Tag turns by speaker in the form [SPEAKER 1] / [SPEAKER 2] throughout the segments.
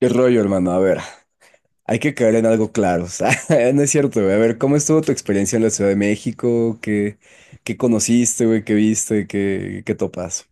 [SPEAKER 1] ¿Qué rollo, hermano? A ver, hay que caer en algo claro, o sea, no es cierto, güey. A ver, ¿cómo estuvo tu experiencia en la Ciudad de México? ¿Qué conociste, güey? ¿Qué viste? ¿Qué topas?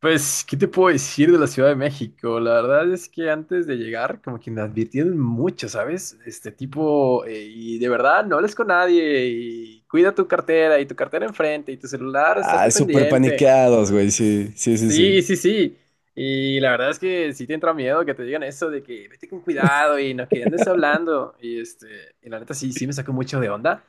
[SPEAKER 2] Pues, ¿qué te puedo decir de la Ciudad de México? La verdad es que antes de llegar, como que me advirtieron mucho, ¿sabes? Este tipo, y de verdad, no hables con nadie, y cuida tu cartera, y tu cartera enfrente, y tu celular, estate
[SPEAKER 1] Ah, súper
[SPEAKER 2] pendiente.
[SPEAKER 1] paniqueados, güey,
[SPEAKER 2] Es-
[SPEAKER 1] sí, sí, sí,
[SPEAKER 2] Sí,
[SPEAKER 1] sí.
[SPEAKER 2] sí, sí. Y la verdad es que sí te entra miedo que te digan eso de que vete con cuidado y no que andes hablando. Y la neta sí me sacó mucho de onda.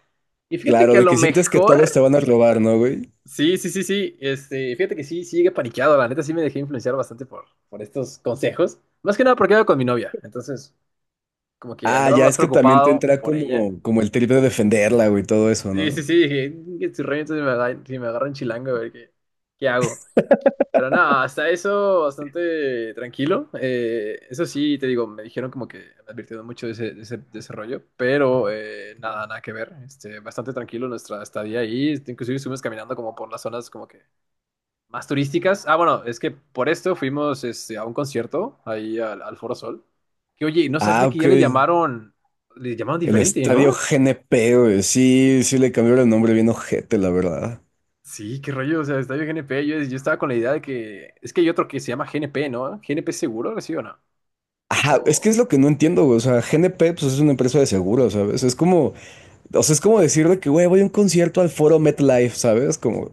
[SPEAKER 2] Y fíjate
[SPEAKER 1] Claro,
[SPEAKER 2] que a
[SPEAKER 1] de
[SPEAKER 2] lo
[SPEAKER 1] que sientes que todos te
[SPEAKER 2] mejor.
[SPEAKER 1] van a robar, ¿no, güey?
[SPEAKER 2] Sí, sí, sí, sí. Este, fíjate que sí llegué paniqueado. La neta sí me dejé influenciar bastante por estos consejos. Más que nada porque iba con mi novia. Entonces, como que
[SPEAKER 1] Ah,
[SPEAKER 2] andaba
[SPEAKER 1] ya
[SPEAKER 2] más
[SPEAKER 1] es que también te
[SPEAKER 2] preocupado
[SPEAKER 1] entra
[SPEAKER 2] por ella.
[SPEAKER 1] como, como el trip de defenderla, güey, todo eso, ¿no?
[SPEAKER 2] Sí, sí, sí. Dije, "Mm, que si realmente me agarra, si me agarra un chilango, a ver qué, qué hago. Pero nada, hasta eso bastante tranquilo. Eso sí, te digo, me dijeron como que me advirtieron mucho de ese rollo. Pero nada, nada que ver. Este, bastante tranquilo nuestra estadía ahí. Este, inclusive estuvimos caminando como por las zonas como que más turísticas. Ah, bueno, es que por esto fuimos este, a un concierto ahí al Foro Sol. Que oye, no
[SPEAKER 1] Ah,
[SPEAKER 2] sabía que
[SPEAKER 1] ok.
[SPEAKER 2] ya le llamaron
[SPEAKER 1] El
[SPEAKER 2] diferente,
[SPEAKER 1] estadio
[SPEAKER 2] ¿no?
[SPEAKER 1] GNP, güey, sí, sí le cambiaron el nombre bien ojete, la verdad.
[SPEAKER 2] Sí, qué rollo, o sea, Estadio GNP. Yo estaba con la idea de que es que hay otro que se llama GNP, ¿no? GNP seguro, ¿sí o no?
[SPEAKER 1] Ajá, es que es
[SPEAKER 2] O-
[SPEAKER 1] lo que no entiendo, güey. O sea, GNP pues, es una empresa de seguros, ¿sabes? Es como, o sea, es como decir de que, güey, voy a un concierto al Foro MetLife, ¿sabes? Como,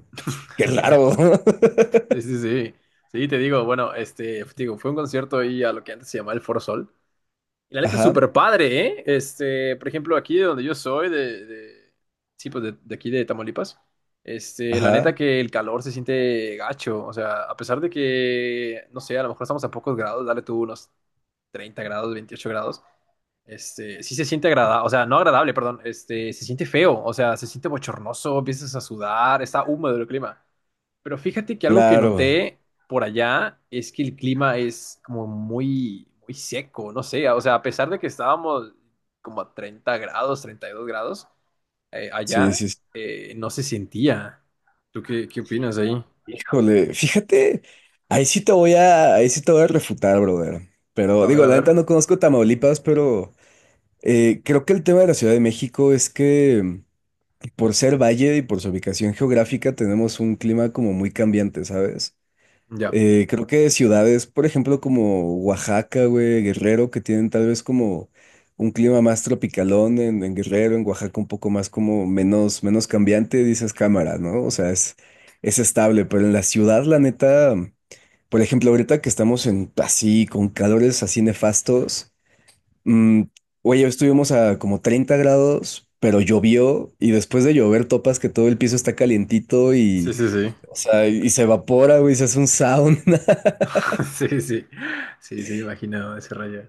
[SPEAKER 1] qué raro.
[SPEAKER 2] Sí, sí, sí. Sí, te digo, bueno, este, te digo, fue un concierto ahí a lo que antes se llamaba el Foro Sol. Y la neta,
[SPEAKER 1] Ajá,
[SPEAKER 2] súper padre, ¿eh? Este, por ejemplo, aquí de donde yo soy, de, sí, pues de aquí de Tamaulipas, este, la neta
[SPEAKER 1] ajá,
[SPEAKER 2] que el calor se siente gacho, o sea, a pesar de que, no sé, a lo mejor estamos a pocos grados, dale tú unos 30 grados, 28 grados, este, sí se siente agradable, o sea, no agradable, perdón, este, se siente feo, o sea, se siente bochornoso, empiezas a sudar, está húmedo el clima. Pero fíjate que algo que
[SPEAKER 1] claro.
[SPEAKER 2] noté por allá es que el clima es como muy, muy seco, no sé, o sea, a pesar de que estábamos como a 30 grados, 32 grados,
[SPEAKER 1] Sí,
[SPEAKER 2] allá
[SPEAKER 1] sí. Sí.
[SPEAKER 2] no se sentía. ¿Tú qué, qué opinas ahí?
[SPEAKER 1] Híjole, fíjate, ahí sí te voy a refutar, brother. Pero
[SPEAKER 2] A ver,
[SPEAKER 1] digo,
[SPEAKER 2] a
[SPEAKER 1] la
[SPEAKER 2] ver.
[SPEAKER 1] neta no conozco Tamaulipas, pero creo que el tema de la Ciudad de México es que por ser valle y por su ubicación geográfica tenemos un clima como muy cambiante, ¿sabes?
[SPEAKER 2] Ya.
[SPEAKER 1] Creo que ciudades, por ejemplo, como Oaxaca, güey, Guerrero, que tienen tal vez como un clima más tropicalón en Guerrero, en Oaxaca un poco más como menos, menos cambiante, dices cámara, ¿no? O sea, es estable, pero en la ciudad, la neta, por ejemplo, ahorita que estamos en así, con calores así nefastos, mm, oye, hoy estuvimos a como 30 grados, pero llovió y después de llover topas que todo el piso está calientito
[SPEAKER 2] Sí,
[SPEAKER 1] y...
[SPEAKER 2] sí, sí.
[SPEAKER 1] O sea, y se evapora, güey, se hace un sound.
[SPEAKER 2] Sí, sí, sí, sí, imaginado ese rayo.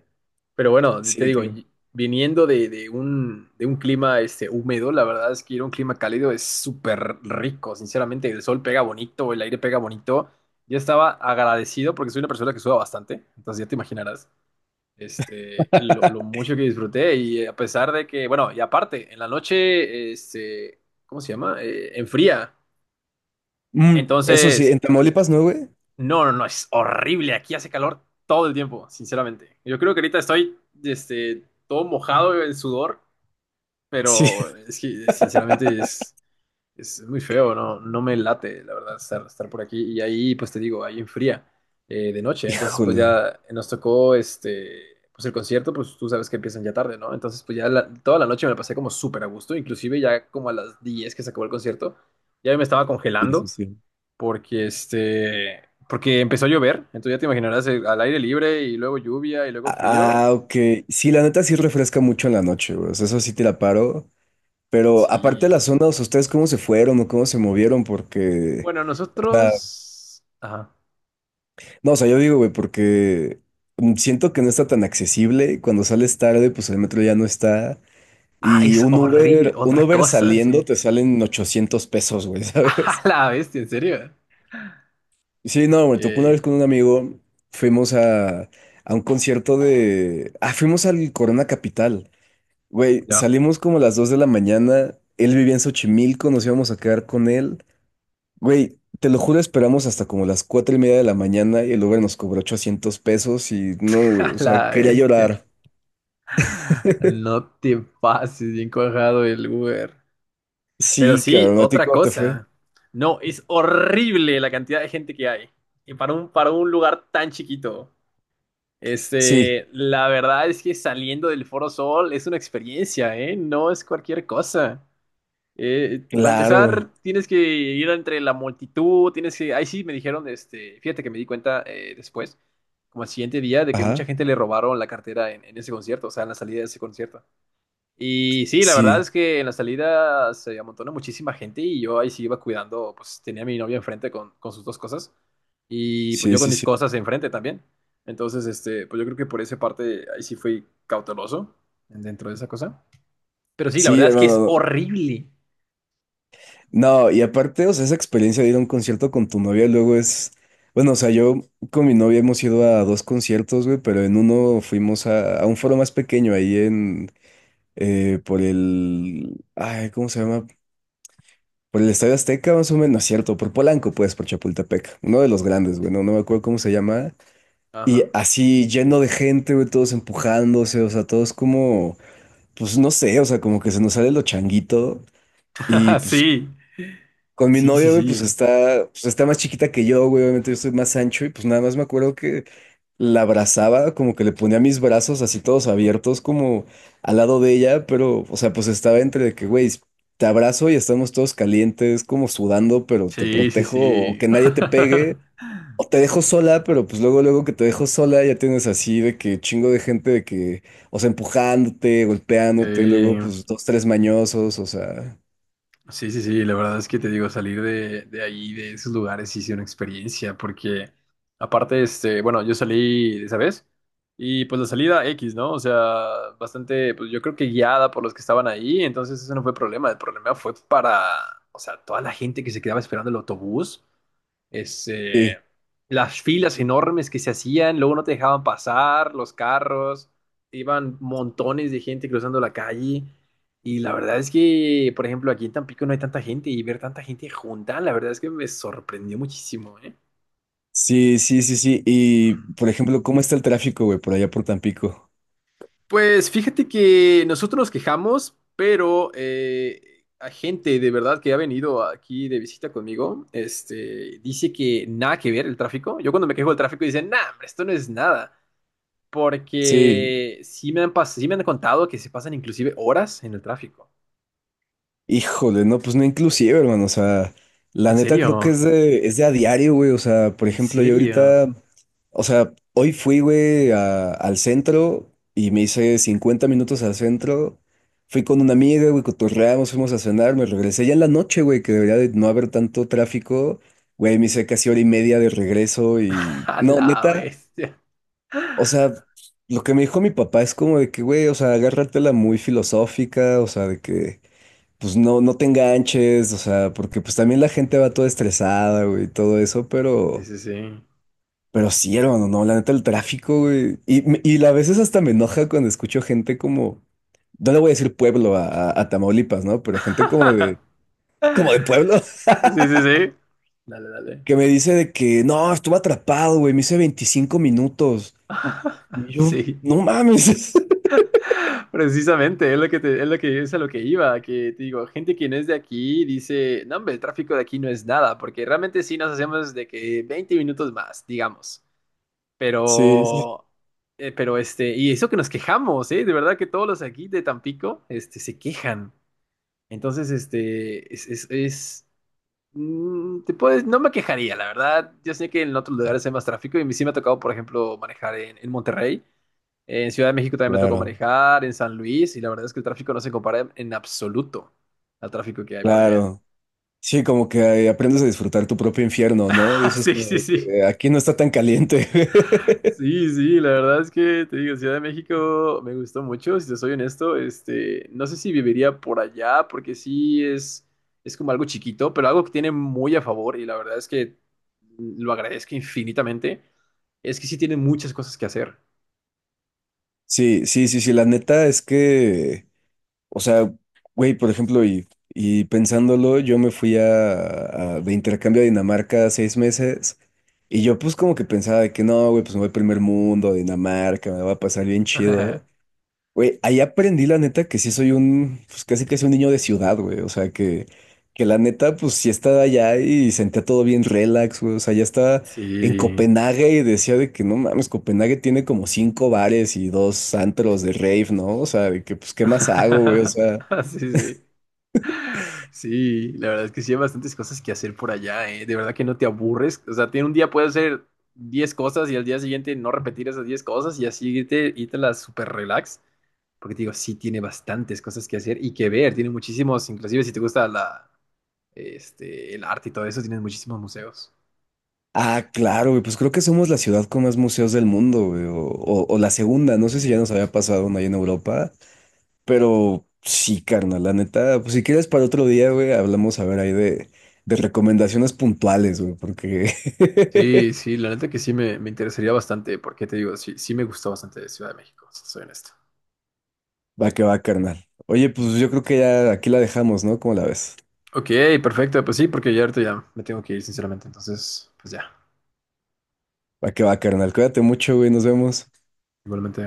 [SPEAKER 2] Pero bueno, te
[SPEAKER 1] Sí,
[SPEAKER 2] digo,
[SPEAKER 1] claro.
[SPEAKER 2] viniendo de un clima este, húmedo, la verdad es que ir a un clima cálido es súper rico, sinceramente, el sol pega bonito, el aire pega bonito. Yo estaba agradecido porque soy una persona que suda bastante, entonces ya te imaginarás este, lo mucho que disfruté y a pesar de que, bueno, y aparte, en la noche, este, ¿cómo se llama? Enfría.
[SPEAKER 1] Mm, eso sí,
[SPEAKER 2] Entonces,
[SPEAKER 1] en Tamaulipas no, güey.
[SPEAKER 2] no, no, no, es horrible. Aquí hace calor todo el tiempo, sinceramente. Yo creo que ahorita estoy, este, todo mojado en sudor,
[SPEAKER 1] Sí,
[SPEAKER 2] pero es que, sinceramente, es muy feo, ¿no? No me late, la verdad, estar por aquí. Y ahí, pues te digo, ahí enfría de noche. Entonces, pues
[SPEAKER 1] híjole.
[SPEAKER 2] ya nos tocó, este, pues el concierto, pues tú sabes que empiezan ya tarde, ¿no? Entonces, pues ya toda la noche me la pasé como súper a gusto. Inclusive ya como a las 10 que se acabó el concierto, ya me estaba
[SPEAKER 1] Sí, sí,
[SPEAKER 2] congelando
[SPEAKER 1] sí.
[SPEAKER 2] porque este, porque empezó a llover, entonces ya te imaginarás al aire libre y luego lluvia y luego frío.
[SPEAKER 1] Ah, ok. Sí, la neta sí refresca mucho en la noche, güey. O sea, eso sí te la paro. Pero aparte de las
[SPEAKER 2] Sí.
[SPEAKER 1] zonas, ¿ustedes cómo se fueron o cómo se movieron? Porque,
[SPEAKER 2] Bueno,
[SPEAKER 1] o sea,
[SPEAKER 2] nosotros... Ajá.
[SPEAKER 1] no, o sea, yo digo, güey, porque siento que no está tan accesible. Cuando sales tarde, pues el metro ya no está.
[SPEAKER 2] Ah,
[SPEAKER 1] Y
[SPEAKER 2] es
[SPEAKER 1] un
[SPEAKER 2] horrible,
[SPEAKER 1] Uber, un
[SPEAKER 2] otra
[SPEAKER 1] Uber
[SPEAKER 2] cosa,
[SPEAKER 1] saliendo
[SPEAKER 2] sí.
[SPEAKER 1] te salen 800 pesos, güey,
[SPEAKER 2] A
[SPEAKER 1] ¿sabes?
[SPEAKER 2] la bestia, ¿en serio?
[SPEAKER 1] Sí, no, me tocó una vez
[SPEAKER 2] Yay.
[SPEAKER 1] con un amigo, fuimos a, a un concierto de... Ah, fuimos al Corona Capital. Güey,
[SPEAKER 2] No,
[SPEAKER 1] salimos como a las 2 de la mañana, él vivía en Xochimilco, nos íbamos a quedar con él. Güey, te lo juro, esperamos hasta como las 4:30 de la mañana y el Uber nos cobró 800 pesos y no, güey,
[SPEAKER 2] a
[SPEAKER 1] o sea,
[SPEAKER 2] la
[SPEAKER 1] quería
[SPEAKER 2] bestia.
[SPEAKER 1] llorar.
[SPEAKER 2] No te pases bien cuajado el Uber. Pero
[SPEAKER 1] Sí,
[SPEAKER 2] sí,
[SPEAKER 1] cabrón, ¿a ti
[SPEAKER 2] otra
[SPEAKER 1] cómo te fue?
[SPEAKER 2] cosa. No, es horrible la cantidad de gente que hay. Y para para un lugar tan chiquito.
[SPEAKER 1] Sí,
[SPEAKER 2] Este, la verdad es que saliendo del Foro Sol es una experiencia, ¿eh? No es cualquier cosa. Para empezar,
[SPEAKER 1] claro.
[SPEAKER 2] tienes que ir entre la multitud, tienes que... Ahí sí me dijeron, este, fíjate que me di cuenta después, como al siguiente día, de que mucha
[SPEAKER 1] Ajá,
[SPEAKER 2] gente le robaron la cartera en ese concierto, o sea, en la salida de ese concierto. Y sí, la verdad
[SPEAKER 1] sí,
[SPEAKER 2] es que en la salida se amontona muchísima gente y yo ahí sí iba cuidando, pues tenía a mi novia enfrente con sus dos cosas y pues
[SPEAKER 1] sí,
[SPEAKER 2] yo con
[SPEAKER 1] sí,
[SPEAKER 2] mis
[SPEAKER 1] sí.
[SPEAKER 2] cosas enfrente también. Entonces, este, pues yo creo que por esa parte ahí sí fui cauteloso dentro de esa cosa. Pero sí, la
[SPEAKER 1] Sí,
[SPEAKER 2] verdad es que es
[SPEAKER 1] hermano,
[SPEAKER 2] horrible.
[SPEAKER 1] no, y aparte, o sea, esa experiencia de ir a un concierto con tu novia luego es, bueno, o sea, yo con mi novia hemos ido a dos conciertos, güey, pero en uno fuimos a un foro más pequeño ahí en, por el, ay, ¿cómo se llama? Por el Estadio Azteca, más o menos, no es cierto, por Polanco, pues, por Chapultepec, uno de los grandes, güey, no, no me acuerdo cómo se llama, y
[SPEAKER 2] Ajá.
[SPEAKER 1] así lleno de gente, güey, todos empujándose, o sea, todos como, pues, no sé, o sea, como que se nos sale lo changuito. Y pues
[SPEAKER 2] Sí,
[SPEAKER 1] con mi
[SPEAKER 2] sí, sí,
[SPEAKER 1] novia, güey,
[SPEAKER 2] sí.
[SPEAKER 1] pues está más chiquita que yo, güey. Obviamente yo soy más ancho y pues nada más me acuerdo que la abrazaba, como que le ponía mis brazos así todos abiertos, como al lado de ella, pero, o sea, pues estaba entre de que, güey, te abrazo y estamos todos calientes, como sudando, pero te
[SPEAKER 2] Sí, sí,
[SPEAKER 1] protejo o
[SPEAKER 2] sí.
[SPEAKER 1] que nadie te pegue, o te dejo sola, pero pues luego, luego que te dejo sola ya tienes así de que chingo de gente de que, o sea, empujándote, golpeándote,
[SPEAKER 2] Sí.
[SPEAKER 1] luego pues dos, tres mañosos, o sea,
[SPEAKER 2] Sí, sí, sí, la verdad es que te digo, salir de ahí, de esos lugares, sí es una experiencia, porque aparte, este, bueno, yo salí de esa vez y pues la salida X, ¿no? O sea, bastante, pues yo creo que guiada por los que estaban ahí, entonces eso no fue problema, el problema fue para, o sea, toda la gente que se quedaba esperando el autobús este,
[SPEAKER 1] sí.
[SPEAKER 2] las filas enormes que se hacían, luego no te dejaban pasar, los carros, iban montones de gente cruzando la calle. Y la verdad es que, por ejemplo, aquí en Tampico no hay tanta gente y ver tanta gente junta, la verdad es que me sorprendió muchísimo, ¿eh?
[SPEAKER 1] Sí, sí, sí, sí. Y, por ejemplo, ¿cómo está el tráfico, güey, por allá por Tampico?
[SPEAKER 2] Pues fíjate que nosotros nos quejamos, pero a gente de verdad que ha venido aquí de visita conmigo, este, dice que nada que ver el tráfico. Yo cuando me quejo del tráfico dicen, nah, hombre, esto no es nada.
[SPEAKER 1] Sí,
[SPEAKER 2] Porque sí me han contado que se pasan inclusive horas en el tráfico.
[SPEAKER 1] híjole, no, pues no inclusive, hermano, o sea, la
[SPEAKER 2] ¿En
[SPEAKER 1] neta creo que
[SPEAKER 2] serio?
[SPEAKER 1] es de a diario, güey, o sea, por
[SPEAKER 2] ¿En
[SPEAKER 1] ejemplo, yo
[SPEAKER 2] serio?
[SPEAKER 1] ahorita, o sea, hoy fui, güey, a- al centro y me hice 50 minutos al centro, fui con una amiga, güey, cotorreamos, fuimos a cenar, me regresé ya en la noche, güey, que debería de no haber tanto tráfico, güey, me hice casi hora y media de regreso y,
[SPEAKER 2] A
[SPEAKER 1] no,
[SPEAKER 2] la
[SPEAKER 1] neta.
[SPEAKER 2] bestia.
[SPEAKER 1] O sea, lo que me dijo mi papá es como de que, güey, o sea, agárratela muy filosófica, o sea, de que, pues no, no te enganches, o sea, porque pues también la gente va toda estresada, güey, y todo eso,
[SPEAKER 2] Sí, sí, sí.
[SPEAKER 1] pero sí, hermano, no, la neta, el tráfico, güey, y, me- y a veces hasta me enoja cuando escucho gente como, no le voy a decir pueblo a Tamaulipas, ¿no? Pero gente como de pueblo,
[SPEAKER 2] Sí, sí, sí. Dale, dale.
[SPEAKER 1] que me dice de que, no, estuve atrapado, güey, me hice 25 minutos, y yo,
[SPEAKER 2] Sí.
[SPEAKER 1] no mames.
[SPEAKER 2] Precisamente, es es lo que es a lo que iba, que te digo, gente que no es de aquí dice, no, hombre, el tráfico de aquí no es nada, porque realmente sí nos hacemos de que 20 minutos más, digamos.
[SPEAKER 1] Sí, sí.
[SPEAKER 2] Pero, y eso que nos quejamos, ¿eh? De verdad que todos los aquí de Tampico, este, se quejan. Entonces, este, te puedes, no me quejaría, la verdad. Yo sé que en otros lugares hay más tráfico y a mí sí me ha tocado, por ejemplo, manejar en Monterrey. En Ciudad de México también me tocó
[SPEAKER 1] Claro.
[SPEAKER 2] manejar, en San Luis, y la verdad es que el tráfico no se compara en absoluto al tráfico que hay por allá.
[SPEAKER 1] Claro, sí, como que aprendes a disfrutar tu propio infierno, ¿no?
[SPEAKER 2] Ah,
[SPEAKER 1] Dices
[SPEAKER 2] sí,
[SPEAKER 1] como
[SPEAKER 2] sí,
[SPEAKER 1] de
[SPEAKER 2] sí.
[SPEAKER 1] que aquí no está tan caliente.
[SPEAKER 2] Sí, sí, la verdad es que te digo, Ciudad de México me gustó mucho, si te soy honesto, este, no sé si viviría por allá, porque sí es como algo chiquito, pero algo que tiene muy a favor, y la verdad es que lo agradezco infinitamente, es que sí tiene muchas cosas que hacer.
[SPEAKER 1] Sí, sí, sí, sí, la neta es que, o sea, güey, por ejemplo, y pensándolo, yo me fui a- de intercambio a Dinamarca 6 meses y yo pues como que pensaba de que no, güey, pues me voy al primer mundo, a Dinamarca, me va a pasar bien chido. Güey, ahí aprendí la neta que sí soy un, pues casi casi un niño de ciudad, güey. O sea, que la neta, pues sí estaba allá y sentía todo bien relax, güey. O sea, ya estaba en
[SPEAKER 2] Sí.
[SPEAKER 1] Copenhague y decía de que no mames, Copenhague tiene como cinco bares y dos antros de rave, ¿no? O sea, de que pues qué más hago, güey. O sea,
[SPEAKER 2] Sí, sí. Sí, la verdad es que sí hay bastantes cosas que hacer por allá, ¿eh? De verdad que no te aburres. O sea, tiene un día puedes hacer 10 cosas y al día siguiente no repetir esas 10 cosas y así irte, irte las super relax. Porque te digo, sí tiene bastantes cosas que hacer y que ver. Tiene muchísimos, inclusive si te gusta la, este, el arte y todo eso, tienes muchísimos museos.
[SPEAKER 1] ah, claro, güey, pues creo que somos la ciudad con más museos del mundo, güey. O la segunda, no sé si ya nos había pasado una ahí en Europa. Pero sí, carnal, la neta, pues si quieres para otro día, güey, hablamos a ver ahí de recomendaciones puntuales, güey, porque
[SPEAKER 2] Sí, sí, la neta que sí me interesaría bastante, porque te digo, sí, sí me gustó bastante Ciudad de México, si soy honesto.
[SPEAKER 1] va que va, carnal. Oye, pues yo creo que ya aquí la dejamos, ¿no? ¿Cómo la ves?
[SPEAKER 2] Ok, perfecto, pues sí, porque ya ahorita ya me tengo que ir, sinceramente. Entonces, pues ya,
[SPEAKER 1] Va que va, carnal. Cuídate mucho, güey, nos vemos.
[SPEAKER 2] igualmente.